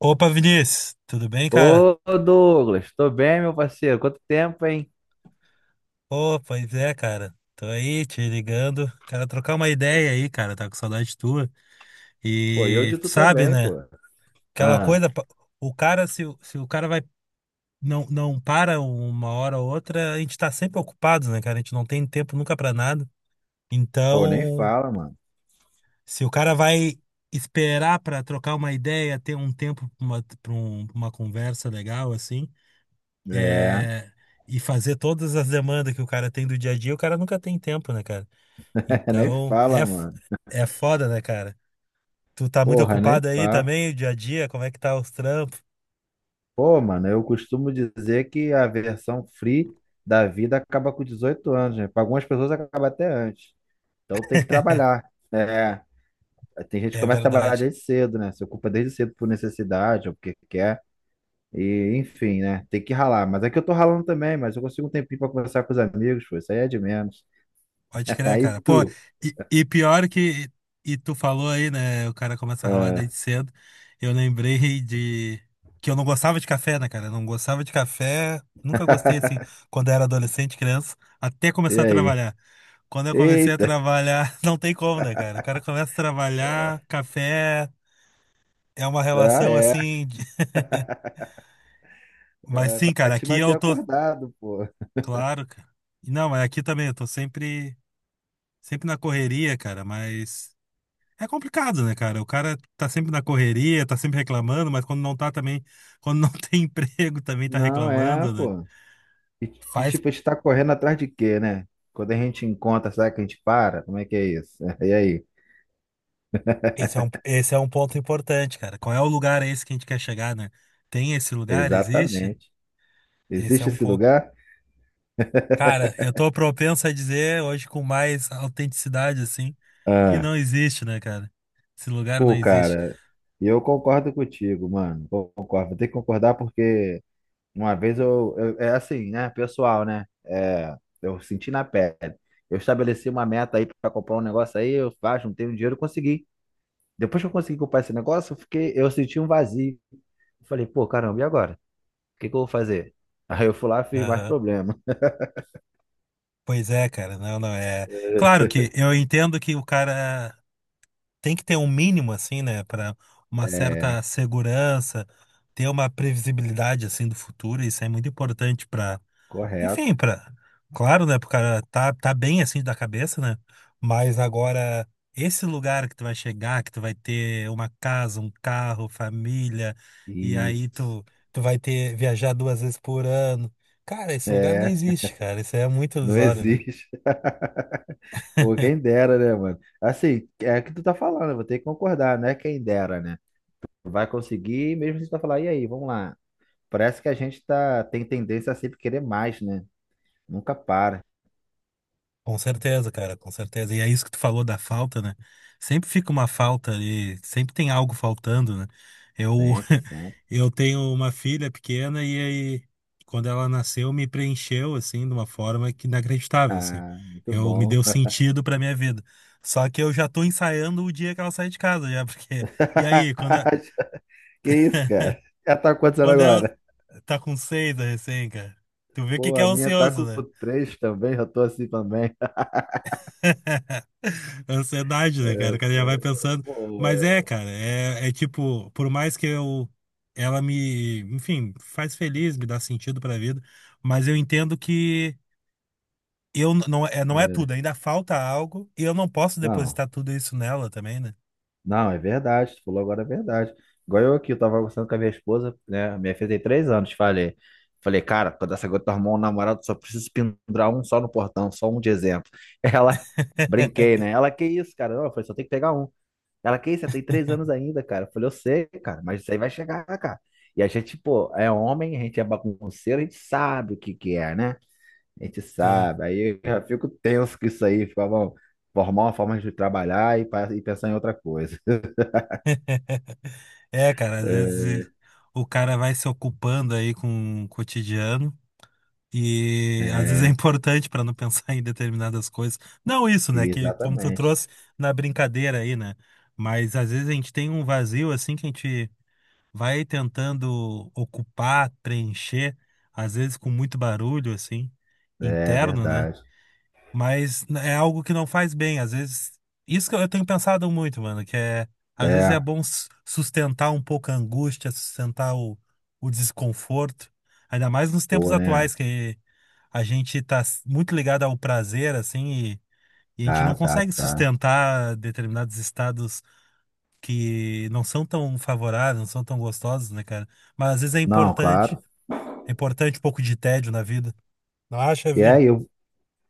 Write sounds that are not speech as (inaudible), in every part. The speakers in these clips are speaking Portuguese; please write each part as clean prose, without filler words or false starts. Opa, Vinícius, tudo bem, cara? Ô, Douglas, tô bem, meu parceiro? Quanto tempo, hein? Pô, pois é, cara. Tô aí te ligando, cara, trocar uma ideia aí, cara, tá com saudade tua. Pô, e eu E de tu tu sabe, também, né? pô. Aquela Ah. coisa, o cara, se o cara vai, não, não para uma hora ou outra, a gente tá sempre ocupado, né, cara? A gente não tem tempo nunca pra nada. Pô, nem Então, fala, mano. se o cara vai esperar pra trocar uma ideia, ter um tempo pra uma, uma conversa legal, assim. É, é, e fazer todas as demandas que o cara tem do dia a dia, o cara nunca tem tempo, né, cara? (laughs) nem Então, fala, mano. é foda, né, cara? Tu tá muito Porra, nem ocupado aí fala. também, o dia a dia, como é que tá os trampos? Pô, mano, eu costumo dizer que a versão free da vida acaba com 18 anos, né? Para algumas pessoas acaba até antes. Então tem que trabalhar. É, tem gente que É começa a trabalhar verdade. desde cedo, né? Se ocupa desde cedo por necessidade ou porque quer. E, enfim, né? Tem que ralar. Mas é que eu tô ralando também, mas eu consigo um tempinho pra conversar com os amigos, pô. Isso aí é de menos. Pode (laughs) crer, Aí cara. Pô, tu. e pior que. E tu falou aí, né? O cara começa a ralar Ah, desde cedo. Eu lembrei de. Que eu não gostava de café, né, cara? Eu não gostava de café. Nunca gostei, assim, quando eu era adolescente, criança, até e começar a aí? trabalhar. Quando eu comecei a Eita! trabalhar, (laughs) não tem como, né, cara? O cara começa a trabalhar, café é uma Ah, relação é. assim. (laughs) Mas É sim, pra cara, te aqui manter eu tô. acordado, pô. Claro, cara. Não, mas aqui também eu tô sempre, sempre na correria, cara, mas. É complicado, né, cara? O cara tá sempre na correria, tá sempre reclamando, mas quando não tá também, quando não (laughs) tem emprego, também tá Não é, reclamando, né? pô. E, e, Faz. tipo, a gente tá correndo atrás de quê, né? Quando a gente encontra, será que a gente para? Como é que é isso? (laughs) E aí? Esse é um ponto importante, cara. Qual é o lugar esse que a gente quer chegar, né? Tem esse lugar? Existe? Exatamente. Esse é Existe um esse ponto. lugar? Cara, eu tô propenso a dizer hoje com mais autenticidade, assim, que Ah, não existe, né, cara? Esse lugar não pô, existe. cara. Eu concordo contigo, mano. Concordo. Vou ter que concordar porque uma vez eu, é assim, né, pessoal, né? É, eu senti na pele. Eu estabeleci uma meta aí para comprar um negócio aí, eu faço, não tenho dinheiro, eu consegui. Depois que eu consegui comprar esse negócio, eu fiquei, eu senti um vazio. Eu falei, pô, caramba, e agora? O que que eu vou fazer? Aí eu fui lá e fiz mais Aham. problema. (laughs) Pois é, cara, não, não é. Claro que eu entendo que o cara tem que ter um mínimo, assim, né, pra uma É, certa segurança, ter uma previsibilidade, assim, do futuro, isso é muito importante pra. Enfim, correto. pra, claro, né? Pro cara tá bem assim da cabeça, né? Mas agora, esse lugar que tu vai chegar, que tu vai ter uma casa, um carro, família, e aí Isso. tu vai ter viajar duas vezes por ano. Cara, esse lugar não É, existe, cara. Isso aí é muito não ilusório, né? existe. (laughs) Pô, quem dera, né, mano? Assim, é o que tu tá falando, eu vou ter que concordar, né? Quem dera, né? Vai conseguir, mesmo se tu falar, e aí, vamos lá. Parece que a gente tá, tem tendência a sempre querer mais, né? Nunca para. Com certeza, cara, com certeza. E é isso que tu falou da falta, né? Sempre fica uma falta ali, sempre tem algo faltando, né? Eu, Sempre, (laughs) sempre. (laughs) eu tenho uma filha pequena e aí, quando ela nasceu, me preencheu, assim, de uma forma que inacreditável, assim. Ah, muito Eu me bom. deu sentido pra minha vida. Só que eu já tô ensaiando o dia que ela sai de casa, já, (laughs) porque... E aí, quando, a- (laughs) Que isso, cara? Já tá acontecendo quando ela agora? tá com seis, a recém, cara, tu vê Pô, que é a minha tá ansioso, com né? 3 também, já tô assim também. (laughs) (laughs) Ansiedade, É, né, cara? O cara já vai é, pensando. Mas é, pô, cara, é tipo, por mais que eu. Ela me, enfim, faz feliz, me dá sentido pra vida, mas eu entendo que eu não é, não é é, tudo, ainda falta algo e eu não posso não. depositar tudo isso nela também, né? Não, é verdade, tu falou agora é verdade. Igual eu aqui, eu tava conversando com a minha esposa, né? Minha filha tem 3 anos, falei. Falei, cara, quando essa gota arrumar um namorado, só preciso pendurar um só no portão, só um de exemplo. Ela, (laughs) (laughs) brinquei, né? Ela, que isso, cara? Não, eu falei, só tem que pegar um. Ela, que isso, você tem 3 anos ainda, cara. Eu falei, eu sei, cara, mas isso aí vai chegar, cara. E a gente, pô, é homem, a gente é bagunceiro, a gente sabe o que que é, né? A gente Sim. sabe. Aí eu já fico tenso com isso aí, fico, "Ah, bom, formar uma forma de trabalhar e pensar em outra coisa. É, cara, às vezes É, o cara vai se ocupando aí com o cotidiano. E às vezes é é, importante para não pensar (laughs) em determinadas coisas. Não isso, né? Que como tu exatamente. trouxe na brincadeira aí, né? Mas às vezes a gente tem um vazio assim que a gente vai tentando ocupar, preencher, às vezes com muito barulho assim, É interno, né? verdade. Mas é algo que não faz bem. Às vezes, isso que eu tenho pensado muito, mano, que é, às vezes é É, bom sustentar um pouco a angústia, sustentar o desconforto. Ainda mais nos tempos pô, né? atuais, que a gente tá muito ligado ao prazer, assim, e a gente Tá, não tá, consegue tá. sustentar determinados estados que não são tão favoráveis, não são tão gostosos, né, cara? Mas às vezes é Não, importante. claro. É importante um pouco de tédio na vida. Não acha, E Vini? aí, eu,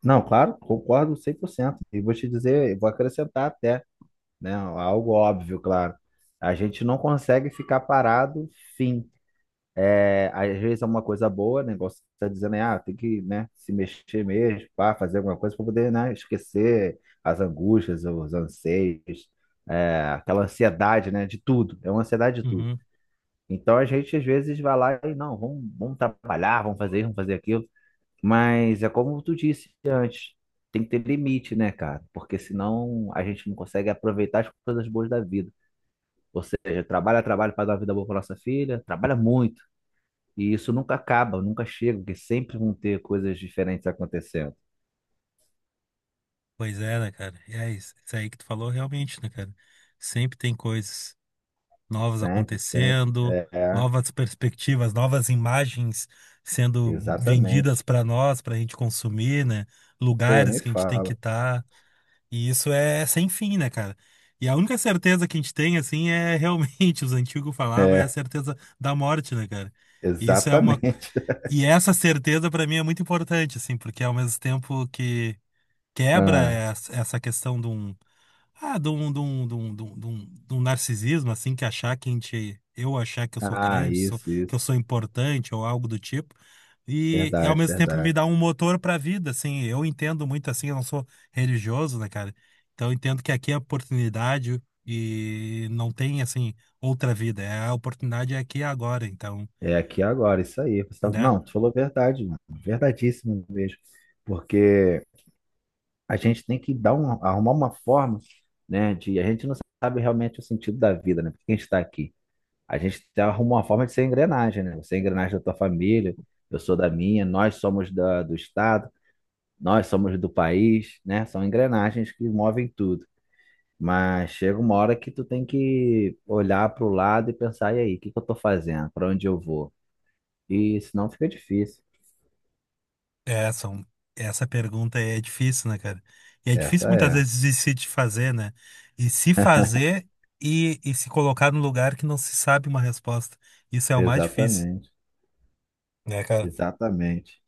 não, claro, concordo 100%. E vou te dizer, eu vou acrescentar até, né? Algo óbvio, claro. A gente não consegue ficar parado, fim. É, às vezes é uma coisa boa, né? Igual você está dizendo, né? Ah, tem que, né, se mexer mesmo, pá, fazer alguma coisa para poder, né, esquecer as angústias, os anseios, é, aquela ansiedade, né, de tudo. É uma ansiedade de tudo. Uhum. Então a gente às vezes vai lá e não, vamos, vamos trabalhar, vamos fazer isso, vamos fazer aquilo. Mas é como tu disse antes, tem que ter limite, né, cara? Porque senão a gente não consegue aproveitar as coisas boas da vida. Ou seja, trabalha, trabalha para dar uma vida boa para nossa filha, trabalha muito. E isso nunca acaba, nunca chega, porque sempre vão ter coisas diferentes acontecendo. Pois é, né, cara? E é isso, isso aí que tu falou realmente, né, cara? Sempre tem coisas novas Sempre, sempre. acontecendo, É, novas perspectivas, novas imagens sendo vendidas exatamente. para nós, para a gente consumir, né? Pô, Lugares nem que a gente tem que fala. estar. E isso é sem fim, né, cara? E a única certeza que a gente tem, assim, é realmente, (laughs) os antigos falavam, é a É, certeza da morte, né, cara? E isso é uma. exatamente. (laughs) E essa certeza, para mim, é muito importante, assim, porque ao mesmo tempo que quebra Ah, essa questão de de um narcisismo, assim, que achar que a gente, eu achar que eu sou ah, grande, isso, que eu isso. sou importante ou algo do tipo. E, ao Verdade, mesmo tempo me verdade. dá um motor para a vida, assim, eu entendo muito assim, eu não sou religioso, né, cara? Então eu entendo que aqui é oportunidade e não tem assim outra vida, é a oportunidade é aqui e agora, então, É aqui agora, isso aí. Né? Não, tu falou verdade, mano. Verdadíssimo mesmo. Porque a gente tem que dar um, arrumar uma forma, né, de... A gente não sabe realmente o sentido da vida, né? Por que a gente está aqui? A gente arruma uma forma de ser engrenagem, né? Você é engrenagem da tua família, eu sou da minha, nós somos da, do Estado, nós somos do país, né? São engrenagens que movem tudo. Mas chega uma hora que tu tem que olhar para o lado e pensar, e aí, o que que eu tô fazendo? Para onde eu vou? E senão fica difícil. É, são. Essa pergunta é difícil, né, cara? E é difícil Essa muitas é. vezes de se te fazer, né? E se fazer e se colocar num lugar que não se sabe uma resposta. Isso é o mais difícil, Exatamente. né, cara? Exatamente.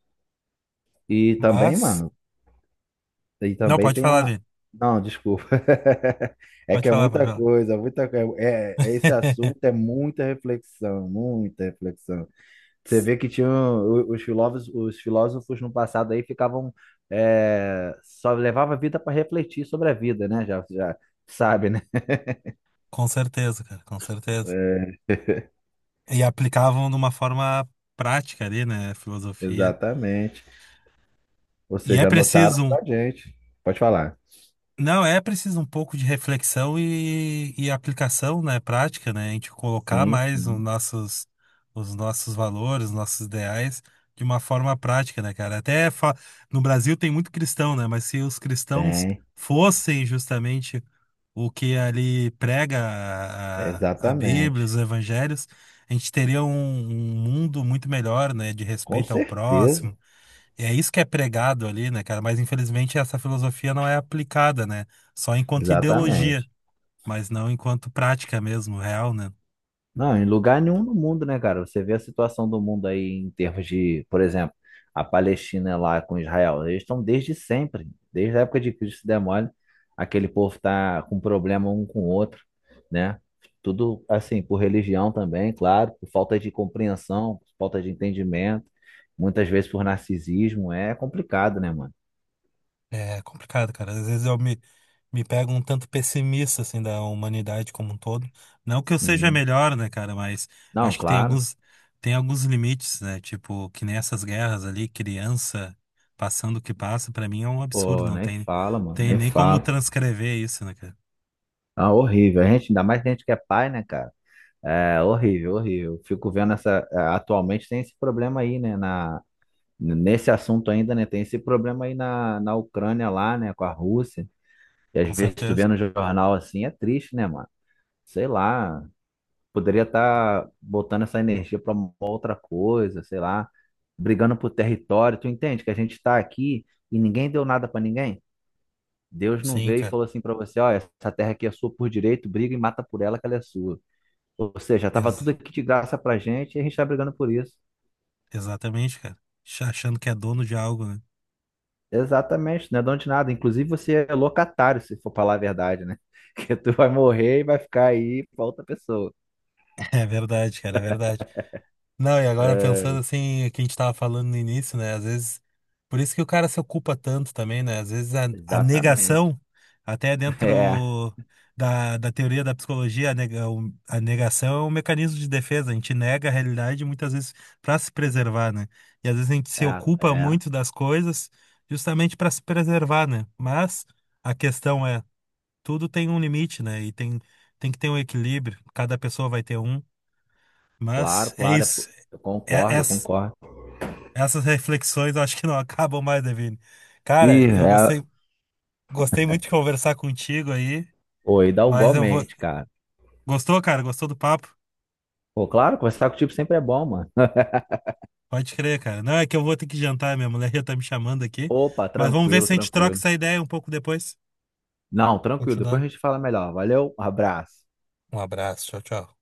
E também, Mas, mano, e não, também pode tem falar, a. Vini. Não, desculpa. (laughs) É Pode que é falar, pode muita falar. coisa, muita coisa. É, esse assunto (laughs) é muita reflexão, muita reflexão. Você vê que tinham os filósofos no passado aí ficavam é, só levava a vida para refletir sobre a vida, né? Já, já sabe, né? Com certeza, cara, com certeza. É, E aplicavam de uma forma prática ali, né? Filosofia. exatamente. Ou E é seja, anotaram preciso. Um. pra gente. Pode falar. Não, é preciso um pouco de reflexão e aplicação, né, prática, né? A gente colocar Sim, mais sim, os nossos valores, os nossos ideais de uma forma prática, né, cara? Até no Brasil tem muito cristão, né? Mas se os cristãos tem. fossem justamente o que ali prega a Bíblia, Exatamente. os evangelhos, a gente teria um mundo muito melhor, né? De Com respeito ao próximo certeza. é isso que é pregado ali, né, cara? Mas infelizmente essa filosofia não é aplicada, né? Só enquanto ideologia, Exatamente. mas não enquanto prática mesmo, real, né? Não, em lugar nenhum no mundo, né, cara? Você vê a situação do mundo aí em termos de, por exemplo, a Palestina é lá com Israel. Eles estão desde sempre, desde a época de Cristo, se der mole, aquele povo tá com problema um com o outro, né? Tudo assim, por religião também, claro, por falta de compreensão, por falta de entendimento, muitas vezes por narcisismo, é complicado, né, mano? É complicado, cara. Às vezes eu me pego um tanto pessimista, assim, da humanidade como um todo. Não que eu seja Sim. melhor, né, cara? Mas Não, acho que tem claro. alguns, tem alguns limites, né? Tipo, que nem essas guerras ali, criança passando o que passa, pra mim é um absurdo. Pô, Não nem tem, fala, mano, tem nem nem como fala. transcrever isso, né, cara? Ah, horrível. A gente, ainda mais que a gente que é pai, né, cara? É horrível, horrível. Fico vendo essa. Atualmente tem esse problema aí, né? Nesse assunto ainda, né? Tem esse problema aí na Ucrânia lá, né? Com a Rússia. E às Com vezes tu vê certeza. no jornal assim, é triste, né, mano? Sei lá. Poderia estar botando essa energia para uma outra coisa, sei lá. Brigando por território. Tu entende que a gente tá aqui e ninguém deu nada para ninguém? Deus não Sim, veio e cara. falou assim para você: ó, essa terra aqui é sua por direito, briga e mata por ela que ela é sua. Ou seja, estava tudo Exato. aqui de graça pra gente e a gente está brigando por isso. Exatamente, cara. Achando que é dono de algo, né? Exatamente, não é dono de nada. Inclusive, você é locatário, se for falar a verdade, né? (laughs) Que tu vai morrer e vai ficar aí pra outra pessoa. (laughs) É verdade, cara, é verdade. Não, e agora pensando É, assim, o que a gente tava falando no início, né? Às vezes, por isso que o cara se ocupa tanto também, né? Às vezes a exatamente. negação, (laughs) até dentro É, da teoria da psicologia, a negação é um mecanismo de defesa. A gente nega a realidade muitas vezes para se preservar, né? E às vezes a gente se é, ocupa é. muito das coisas justamente para se preservar, né? Mas a questão é. Tudo tem um limite, né? E tem que ter um equilíbrio, cada pessoa vai ter um. Claro, Mas é claro. Isso. Eu É- concordo, eu ess- concordo. essas reflexões eu acho que não (laughs) acabam mais, Devine. Ih, Cara, eu é. gostei, gostei muito de conversar contigo aí, Oi, dá mas eu vou. igualmente, cara. Gostou, cara? Gostou do papo? Pô, claro, conversar contigo sempre é bom, mano. Pode crer, cara. Não, é que eu vou ter que jantar, minha mulher já tá me chamando aqui. Opa, Mas vamos ver tranquilo, se a gente troca tranquilo. essa ideia um pouco depois. Não, tranquilo. Depois Continuando. a gente fala melhor. Valeu, abraço. Um abraço, tchau, tchau.